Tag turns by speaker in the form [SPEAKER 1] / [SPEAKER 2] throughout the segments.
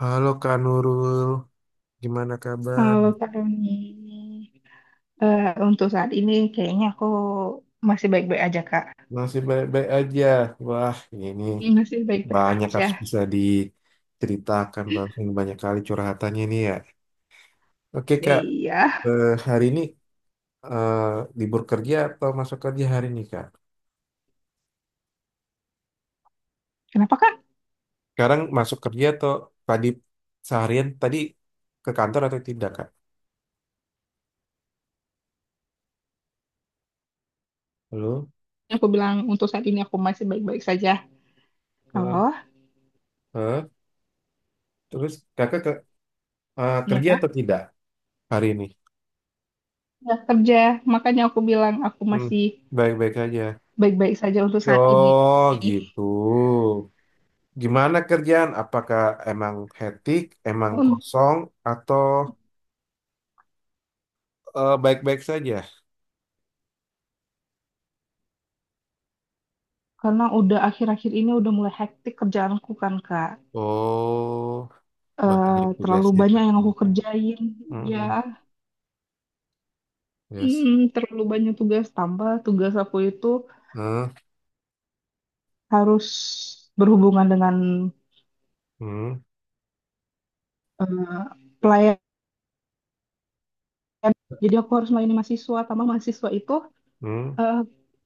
[SPEAKER 1] Halo Kak Nurul, gimana kabar?
[SPEAKER 2] Kalau Kak Roni, untuk saat ini kayaknya aku masih baik-baik aja, Kak.
[SPEAKER 1] Masih baik-baik aja. Wah, ini
[SPEAKER 2] Masih baik-baik
[SPEAKER 1] banyak harus
[SPEAKER 2] aja.
[SPEAKER 1] bisa diceritakan, bahkan banyak kali curhatannya ini ya. Oke, Kak.
[SPEAKER 2] Iya.
[SPEAKER 1] Hari ini eh, libur kerja atau masuk kerja hari ini, Kak?
[SPEAKER 2] Kenapa, Kak?
[SPEAKER 1] Sekarang masuk kerja atau tadi seharian tadi ke kantor atau tidak, Kak? Halo?
[SPEAKER 2] Aku bilang untuk saat ini aku masih baik-baik saja.
[SPEAKER 1] Eh,
[SPEAKER 2] Halo?
[SPEAKER 1] eh, Terus Kakak ke,
[SPEAKER 2] Iya,
[SPEAKER 1] kerja
[SPEAKER 2] Kak?
[SPEAKER 1] atau tidak hari ini?
[SPEAKER 2] Nggak kerja. Makanya aku bilang aku
[SPEAKER 1] Hmm,
[SPEAKER 2] masih
[SPEAKER 1] baik-baik aja.
[SPEAKER 2] baik-baik saja untuk saat ini.
[SPEAKER 1] Oh, gitu. Gimana kerjaan? Apakah emang hektik, emang
[SPEAKER 2] Un-
[SPEAKER 1] kosong, atau baik-baik saja?
[SPEAKER 2] Karena udah akhir-akhir ini udah mulai hektik kerjaanku kan, Kak.
[SPEAKER 1] Oh, banyak
[SPEAKER 2] Terlalu
[SPEAKER 1] tugasnya.
[SPEAKER 2] banyak yang aku kerjain. Ya,
[SPEAKER 1] Hmm, yes.
[SPEAKER 2] Terlalu banyak tugas tambah tugas aku itu.
[SPEAKER 1] Hmm,
[SPEAKER 2] Harus berhubungan dengan
[SPEAKER 1] hmm,
[SPEAKER 2] eh, pelayan. Jadi aku harus melayani mahasiswa, tambah mahasiswa itu,
[SPEAKER 1] hmm,
[SPEAKER 2] eh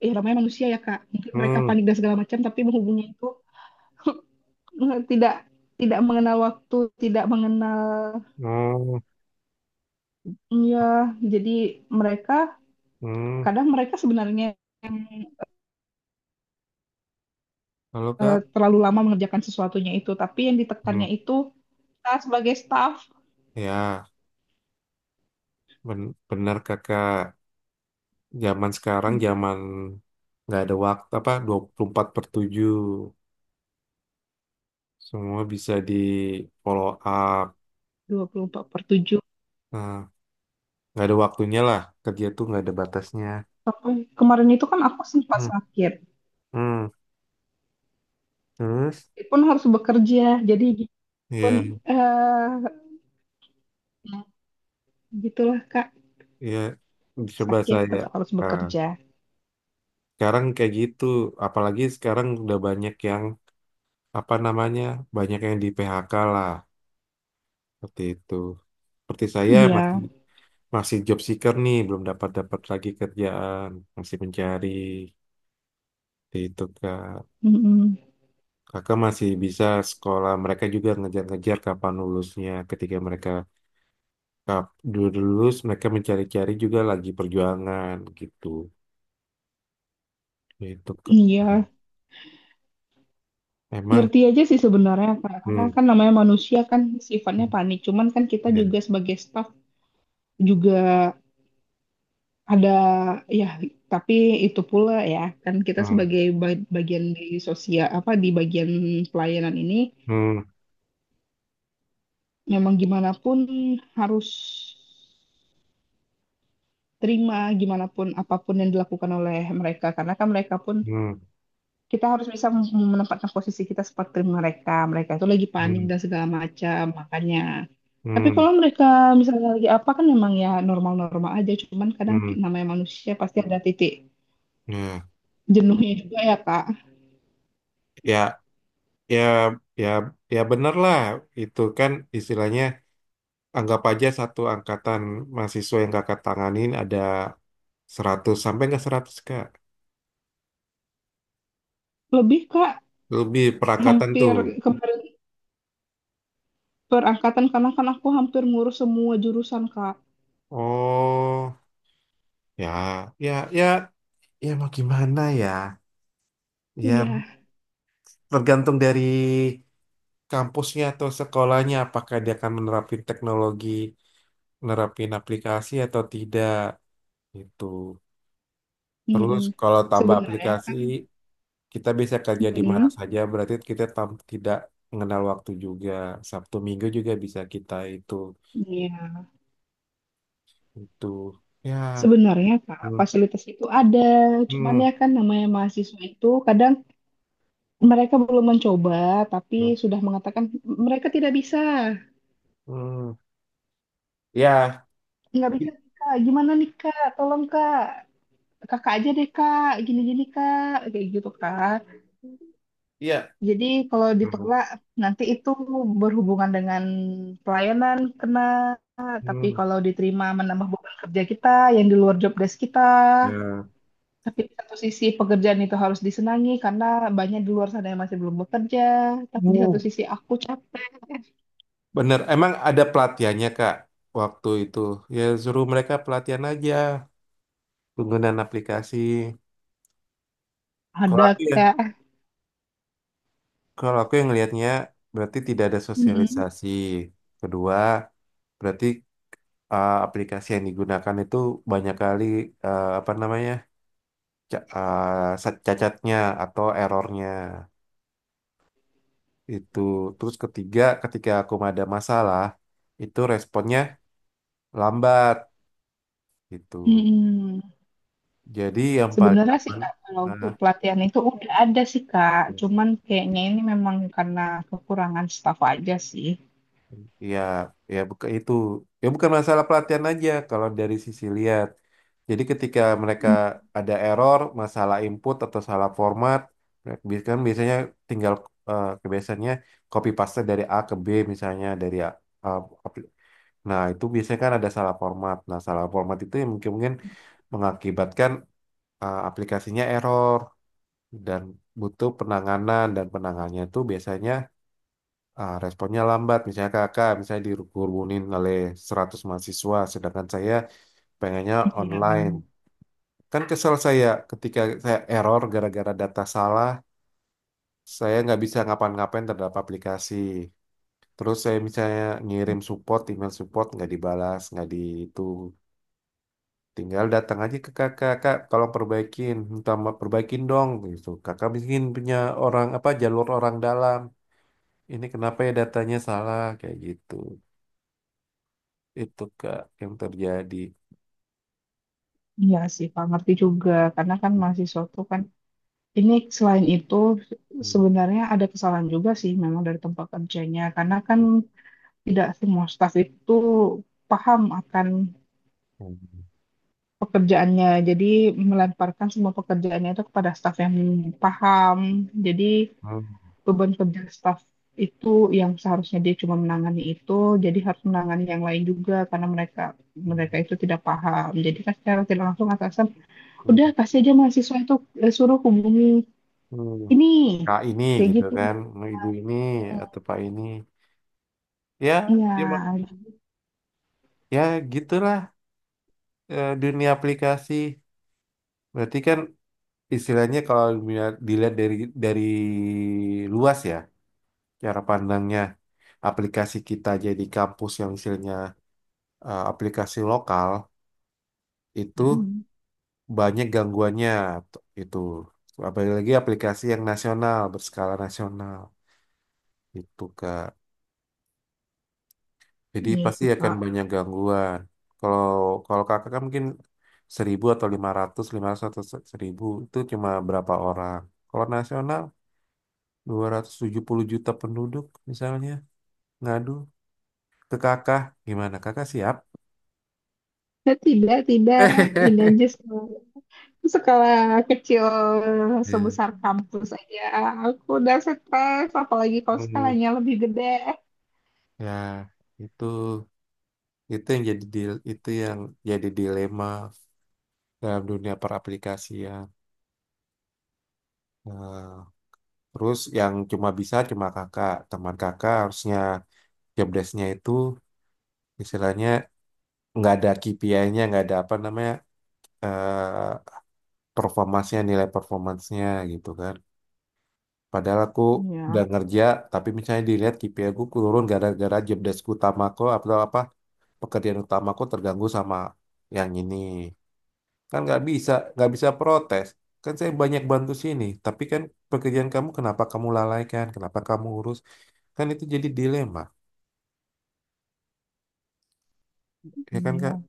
[SPEAKER 2] ya namanya manusia ya Kak. Mungkin mereka
[SPEAKER 1] hmm,
[SPEAKER 2] panik dan segala macam, tapi menghubungnya itu tidak tidak mengenal waktu, tidak mengenal,
[SPEAKER 1] hmm,
[SPEAKER 2] ya. Jadi mereka
[SPEAKER 1] hmm.
[SPEAKER 2] Kadang mereka sebenarnya yang
[SPEAKER 1] Halo, Kak.
[SPEAKER 2] terlalu lama mengerjakan sesuatunya itu, tapi yang
[SPEAKER 1] Hmm,
[SPEAKER 2] ditekannya itu kita sebagai staff
[SPEAKER 1] ya, benar Kakak. Zaman sekarang zaman nggak ada waktu apa 24/7, semua bisa di follow up.
[SPEAKER 2] 24/7.
[SPEAKER 1] Nah, nggak ada waktunya lah. Kerja tuh nggak ada batasnya.
[SPEAKER 2] Sampai kemarin itu kan aku sempat
[SPEAKER 1] Hmm,
[SPEAKER 2] sakit.
[SPEAKER 1] hmm. Terus
[SPEAKER 2] Pun harus bekerja, jadi gitu pun,
[SPEAKER 1] ya,
[SPEAKER 2] eh gitulah Kak,
[SPEAKER 1] ya coba
[SPEAKER 2] sakit tetap
[SPEAKER 1] saya.
[SPEAKER 2] harus
[SPEAKER 1] Nah,
[SPEAKER 2] bekerja.
[SPEAKER 1] sekarang kayak gitu, apalagi sekarang udah banyak yang apa namanya, banyak yang di PHK lah seperti itu. Seperti saya masih
[SPEAKER 2] Iya,
[SPEAKER 1] masih job seeker nih, belum dapat dapat lagi kerjaan, masih mencari seperti itu kak.
[SPEAKER 2] mm-mm.
[SPEAKER 1] Kakak masih bisa sekolah, mereka juga ngejar-ngejar kapan lulusnya. Ketika mereka dulu lulus, mereka mencari-cari juga lagi perjuangan gitu. Itu kak.
[SPEAKER 2] Iya,
[SPEAKER 1] Emang,
[SPEAKER 2] ngerti aja sih sebenarnya Kak karena
[SPEAKER 1] hmm,
[SPEAKER 2] kan namanya manusia kan sifatnya
[SPEAKER 1] hmm,
[SPEAKER 2] panik, cuman kan kita
[SPEAKER 1] ya,
[SPEAKER 2] juga sebagai staff juga ada, ya, tapi itu pula ya, kan kita
[SPEAKER 1] hmm,
[SPEAKER 2] sebagai bagian di sosial apa di bagian pelayanan ini,
[SPEAKER 1] hmm,
[SPEAKER 2] memang gimana pun harus terima gimana pun apapun yang dilakukan oleh mereka karena kan mereka pun
[SPEAKER 1] hmm,
[SPEAKER 2] kita harus bisa menempatkan posisi kita seperti mereka mereka itu lagi panik
[SPEAKER 1] hmm,
[SPEAKER 2] dan segala macam makanya. Tapi
[SPEAKER 1] hmm,
[SPEAKER 2] kalau mereka misalnya lagi apa, kan memang ya normal-normal aja, cuman kadang
[SPEAKER 1] hmm,
[SPEAKER 2] namanya manusia pasti ada titik
[SPEAKER 1] ya,
[SPEAKER 2] jenuhnya juga ya kak.
[SPEAKER 1] ya, ya, ya, ya bener lah. Itu kan istilahnya anggap aja satu angkatan mahasiswa yang kakak tanganin ada 100 sampai nggak 100 kak.
[SPEAKER 2] Lebih kak,
[SPEAKER 1] Lebih perangkatan
[SPEAKER 2] hampir,
[SPEAKER 1] tuh.
[SPEAKER 2] kemarin perangkatan karena kan aku hampir ngurus semua jurusan kak.
[SPEAKER 1] Oh, ya, ya, ya, ya mau gimana ya? Ya
[SPEAKER 2] Iya,
[SPEAKER 1] tergantung dari kampusnya atau sekolahnya apakah dia akan menerapin teknologi nerapin aplikasi atau tidak gitu. Terus
[SPEAKER 2] mm-mm.
[SPEAKER 1] kalau tambah
[SPEAKER 2] Sebenarnya
[SPEAKER 1] aplikasi
[SPEAKER 2] kan,
[SPEAKER 1] kita bisa kerja di mana
[SPEAKER 2] mm-mm.
[SPEAKER 1] saja berarti kita tidak mengenal waktu juga. Sabtu Minggu juga bisa kita
[SPEAKER 2] Iya.
[SPEAKER 1] itu ya,
[SPEAKER 2] Sebenarnya Kak,
[SPEAKER 1] hmm,
[SPEAKER 2] fasilitas itu ada, cuman
[SPEAKER 1] hmm,
[SPEAKER 2] ya kan namanya mahasiswa itu kadang mereka belum mencoba, tapi
[SPEAKER 1] hmm,
[SPEAKER 2] sudah mengatakan mereka tidak bisa,
[SPEAKER 1] hmm, ya
[SPEAKER 2] nggak bisa
[SPEAKER 1] i-
[SPEAKER 2] Kak, gimana nih Kak, tolong Kak, kakak aja deh Kak, gini-gini Kak, kayak gitu Kak.
[SPEAKER 1] iya,
[SPEAKER 2] Jadi kalau
[SPEAKER 1] hmm,
[SPEAKER 2] ditolak nanti itu berhubungan dengan pelayanan kena, tapi
[SPEAKER 1] hmm,
[SPEAKER 2] kalau diterima menambah beban kerja kita yang di luar job desk kita.
[SPEAKER 1] ya.
[SPEAKER 2] Tapi di satu sisi pekerjaan itu harus disenangi karena banyak di luar sana yang masih belum bekerja. Tapi di satu
[SPEAKER 1] Uh,
[SPEAKER 2] sisi aku cap,
[SPEAKER 1] bener emang ada pelatihannya Kak waktu itu, ya suruh mereka pelatihan aja penggunaan aplikasi. Kalau
[SPEAKER 2] ada
[SPEAKER 1] aku ya,
[SPEAKER 2] kak.
[SPEAKER 1] kalau aku yang ngelihatnya berarti tidak ada
[SPEAKER 2] Mm-mm.
[SPEAKER 1] sosialisasi. Kedua, berarti aplikasi yang digunakan itu banyak kali apa namanya cacatnya atau errornya itu. Terus ketiga, ketika aku ada masalah itu responnya lambat gitu.
[SPEAKER 2] Mm-mm.
[SPEAKER 1] Jadi yang paling
[SPEAKER 2] Sebenarnya sih
[SPEAKER 1] aman,
[SPEAKER 2] kak kalau untuk
[SPEAKER 1] nah,
[SPEAKER 2] pelatihan itu udah ada sih kak. Cuman kayaknya ini memang karena kekurangan staf aja sih.
[SPEAKER 1] ya, ya bukan itu. Ya bukan masalah pelatihan aja kalau dari sisi lihat. Jadi ketika mereka ada error, masalah input atau salah format, kan biasanya tinggal kebiasaannya copy paste dari A ke B, misalnya dari A- apli- Nah, itu biasanya kan ada salah format. Nah, salah format itu yang mungkin-mungkin mengakibatkan aplikasinya error dan butuh penanganan, dan penanganannya itu biasanya responnya lambat. Misalnya kakak, misalnya dikerumunin oleh 100 mahasiswa, sedangkan saya pengennya
[SPEAKER 2] Iya,
[SPEAKER 1] online. Kan kesel saya ketika saya error gara-gara data salah, saya nggak bisa ngapain-ngapain terhadap aplikasi. Terus saya misalnya ngirim support, email support nggak dibalas, nggak di itu. Tinggal datang aja ke kakak, kak, tolong perbaikin, minta perbaikin dong gitu. Kakak mungkin punya orang apa jalur orang dalam. Ini kenapa ya datanya salah kayak gitu. Itu Kak yang terjadi.
[SPEAKER 2] iya sih, Pak, ngerti juga. Karena kan mahasiswa tuh kan, ini selain itu sebenarnya ada kesalahan juga sih memang dari tempat kerjanya. Karena kan tidak semua staf itu paham akan pekerjaannya. Jadi melemparkan semua pekerjaannya itu kepada staf yang paham. Jadi beban kerja staf itu yang seharusnya dia cuma menangani itu, jadi harus menangani yang lain juga karena mereka mereka itu tidak paham. Jadi kan secara tidak langsung atasan udah kasih aja mahasiswa itu, suruh hubungi ini,
[SPEAKER 1] Kak ini
[SPEAKER 2] kayak
[SPEAKER 1] gitu
[SPEAKER 2] gitu.
[SPEAKER 1] kan, ibu ini atau Pak ini. Ya,
[SPEAKER 2] Iya,
[SPEAKER 1] ya, ya gitulah dunia aplikasi. Berarti kan istilahnya kalau dilihat dilihat dari dari luas ya cara pandangnya, aplikasi kita jadi kampus yang istilahnya aplikasi lokal itu banyak gangguannya itu, apalagi aplikasi yang nasional berskala nasional itu kak, jadi
[SPEAKER 2] iya
[SPEAKER 1] pasti
[SPEAKER 2] sih
[SPEAKER 1] akan
[SPEAKER 2] Pak.
[SPEAKER 1] banyak gangguan kalau kalau kakak kan mungkin 1.000 atau 500 atau 1.000 itu cuma berapa orang, kalau nasional 270.000.000 penduduk misalnya ngadu ke kakak gimana kakak siap.
[SPEAKER 2] Tidak, tidak, tidak, tidak just sekolah kecil
[SPEAKER 1] Ya.
[SPEAKER 2] sebesar kampus aja. Aku udah stres, apalagi kalau
[SPEAKER 1] Hmm,
[SPEAKER 2] skalanya lebih gede.
[SPEAKER 1] ya itu, itu yang jadi dilema dalam dunia peraplikasian. Nah, terus yang cuma bisa cuma kakak, teman kakak harusnya job desk-nya itu istilahnya nggak ada KPI-nya, nggak ada apa namanya eh performansnya, nilai performansnya gitu kan. Padahal aku udah
[SPEAKER 2] Iya,
[SPEAKER 1] ngerja, tapi misalnya dilihat KPI aku turun gara-gara job desk utamaku atau apa pekerjaan utamaku terganggu sama yang ini. Kan nggak bisa protes. Kan saya banyak bantu sini, tapi kan pekerjaan kamu kenapa kamu lalaikan, kenapa kamu urus? Kan itu jadi dilema, ya kan Kak?
[SPEAKER 2] iya,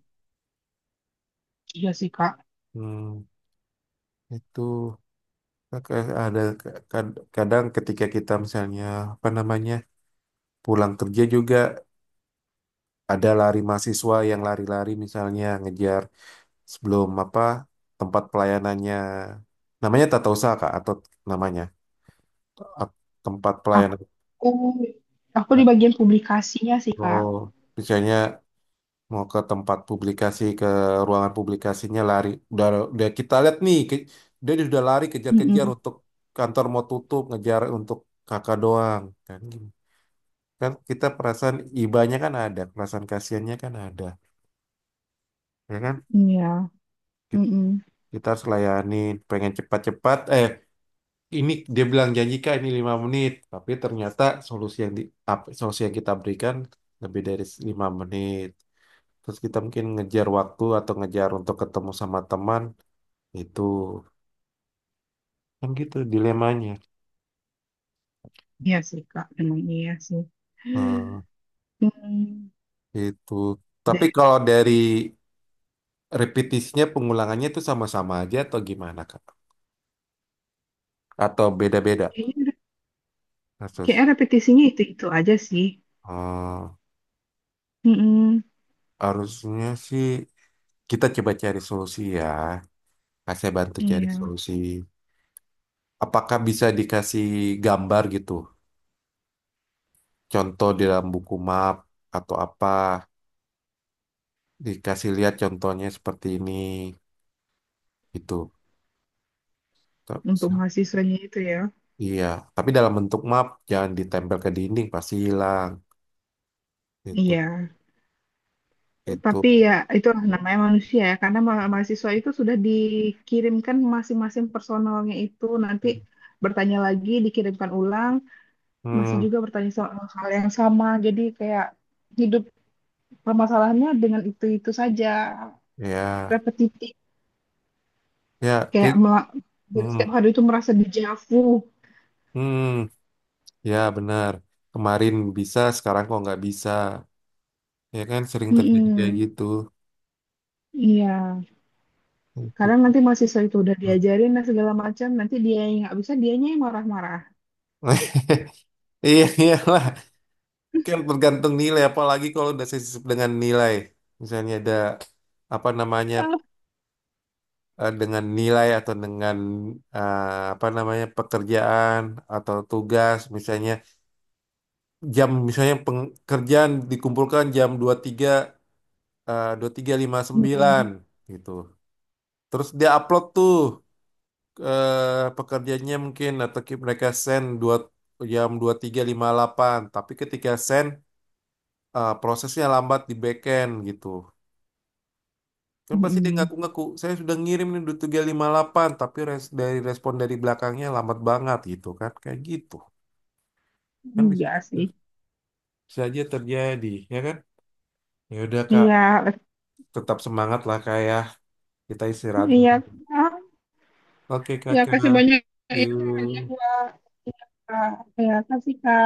[SPEAKER 2] iya sih, Kak.
[SPEAKER 1] Hmm, itu Kak, ada kadang ketika kita misalnya apa namanya pulang kerja juga ada lari mahasiswa yang lari-lari misalnya ngejar sebelum apa tempat pelayanannya, namanya tata usaha Kak atau namanya Ap- tempat
[SPEAKER 2] Aku,
[SPEAKER 1] pelayanan.
[SPEAKER 2] aku di bagian publikasinya sih, Kak.
[SPEAKER 1] Oh, misalnya mau ke tempat publikasi ke ruangan publikasinya lari, udah kita lihat nih dia sudah lari kejar-kejar
[SPEAKER 2] Mm-mm.
[SPEAKER 1] untuk kantor mau tutup, ngejar untuk kakak doang kan gini. Kan kita perasaan ibanya kan ada, perasaan kasihannya kan ada, ya kan.
[SPEAKER 2] Iya,
[SPEAKER 1] Ki-
[SPEAKER 2] mm-mm.
[SPEAKER 1] Kita harus layani, pengen cepat-cepat ini dia bilang janji Kak, ini 5 menit tapi ternyata solusi yang di solusi yang kita berikan lebih dari 5 menit, terus kita mungkin ngejar waktu atau ngejar untuk ketemu sama teman. Itu kan gitu dilemanya.
[SPEAKER 2] Iya sih, Kak. Emang iya sih.
[SPEAKER 1] Eh,
[SPEAKER 2] Hmm.
[SPEAKER 1] itu. Tapi
[SPEAKER 2] Deh,
[SPEAKER 1] kalau dari repetisinya pengulangannya itu sama-sama aja atau gimana Kak? Atau beda-beda
[SPEAKER 2] kayaknya, kayaknya
[SPEAKER 1] kasus?
[SPEAKER 2] repetisinya itu-itu aja sih.
[SPEAKER 1] Eh,
[SPEAKER 2] Mm-mm.
[SPEAKER 1] harusnya sih kita coba cari solusi ya. Kak, saya bantu cari
[SPEAKER 2] Iya,
[SPEAKER 1] solusi. Apakah bisa dikasih gambar gitu? Contoh di dalam buku map atau apa? Dikasih lihat contohnya seperti ini gitu. Terus
[SPEAKER 2] untuk mahasiswanya itu ya.
[SPEAKER 1] iya, tapi dalam bentuk map jangan ditempel ke dinding pasti hilang. Itu
[SPEAKER 2] Iya.
[SPEAKER 1] itu.
[SPEAKER 2] Tapi ya itulah namanya manusia ya, karena mahasiswa itu sudah dikirimkan masing-masing personalnya itu nanti bertanya lagi, dikirimkan ulang, masih
[SPEAKER 1] Hmm,
[SPEAKER 2] juga bertanya soal hal yang sama. Jadi kayak hidup permasalahannya dengan itu-itu saja,
[SPEAKER 1] ya,
[SPEAKER 2] repetitif.
[SPEAKER 1] ya,
[SPEAKER 2] Kayak
[SPEAKER 1] eh,
[SPEAKER 2] mela- jadi
[SPEAKER 1] hmm,
[SPEAKER 2] setiap hari itu merasa dejavu.
[SPEAKER 1] hmm, ya benar. Kemarin bisa, sekarang kok nggak bisa. Ya kan sering terjadi kayak
[SPEAKER 2] Mm-mm.
[SPEAKER 1] gitu.
[SPEAKER 2] Iya,
[SPEAKER 1] Itu.
[SPEAKER 2] kadang nanti mahasiswa itu udah diajarin dan segala macam, nanti dia yang nggak bisa, dianya yang marah-marah.
[SPEAKER 1] Iya, iyalah. Kan tergantung nilai, apalagi kalau udah sensitif dengan nilai. Misalnya ada apa namanya
[SPEAKER 2] Ah.
[SPEAKER 1] dengan nilai atau dengan eh, apa namanya pekerjaan atau tugas, misalnya jam misalnya pekerjaan dikumpulkan jam 23.00 23.59
[SPEAKER 2] Mm-mm.
[SPEAKER 1] gitu. Terus dia upload tuh pekerjaannya mungkin atau mereka send dua jam 23.58, tapi ketika send prosesnya lambat di backend gitu. Kan pasti dia
[SPEAKER 2] Mm-mm.
[SPEAKER 1] ngaku-ngaku, saya sudah ngirim nih 23.58, tapi dari respon dari belakangnya lambat banget gitu kan. Kayak gitu. Kan bisa
[SPEAKER 2] Iya sih.
[SPEAKER 1] bisa aja terjadi, ya kan? Ya udah Kak,
[SPEAKER 2] Iya,
[SPEAKER 1] tetap semangat lah Kak ya. Kita istirahat
[SPEAKER 2] iya,
[SPEAKER 1] dulu.
[SPEAKER 2] ah,
[SPEAKER 1] Oke
[SPEAKER 2] ya kasih
[SPEAKER 1] Kakak,
[SPEAKER 2] banyak ya sarannya
[SPEAKER 1] yuk.
[SPEAKER 2] buat ya, Kak. Ya kasih Kak.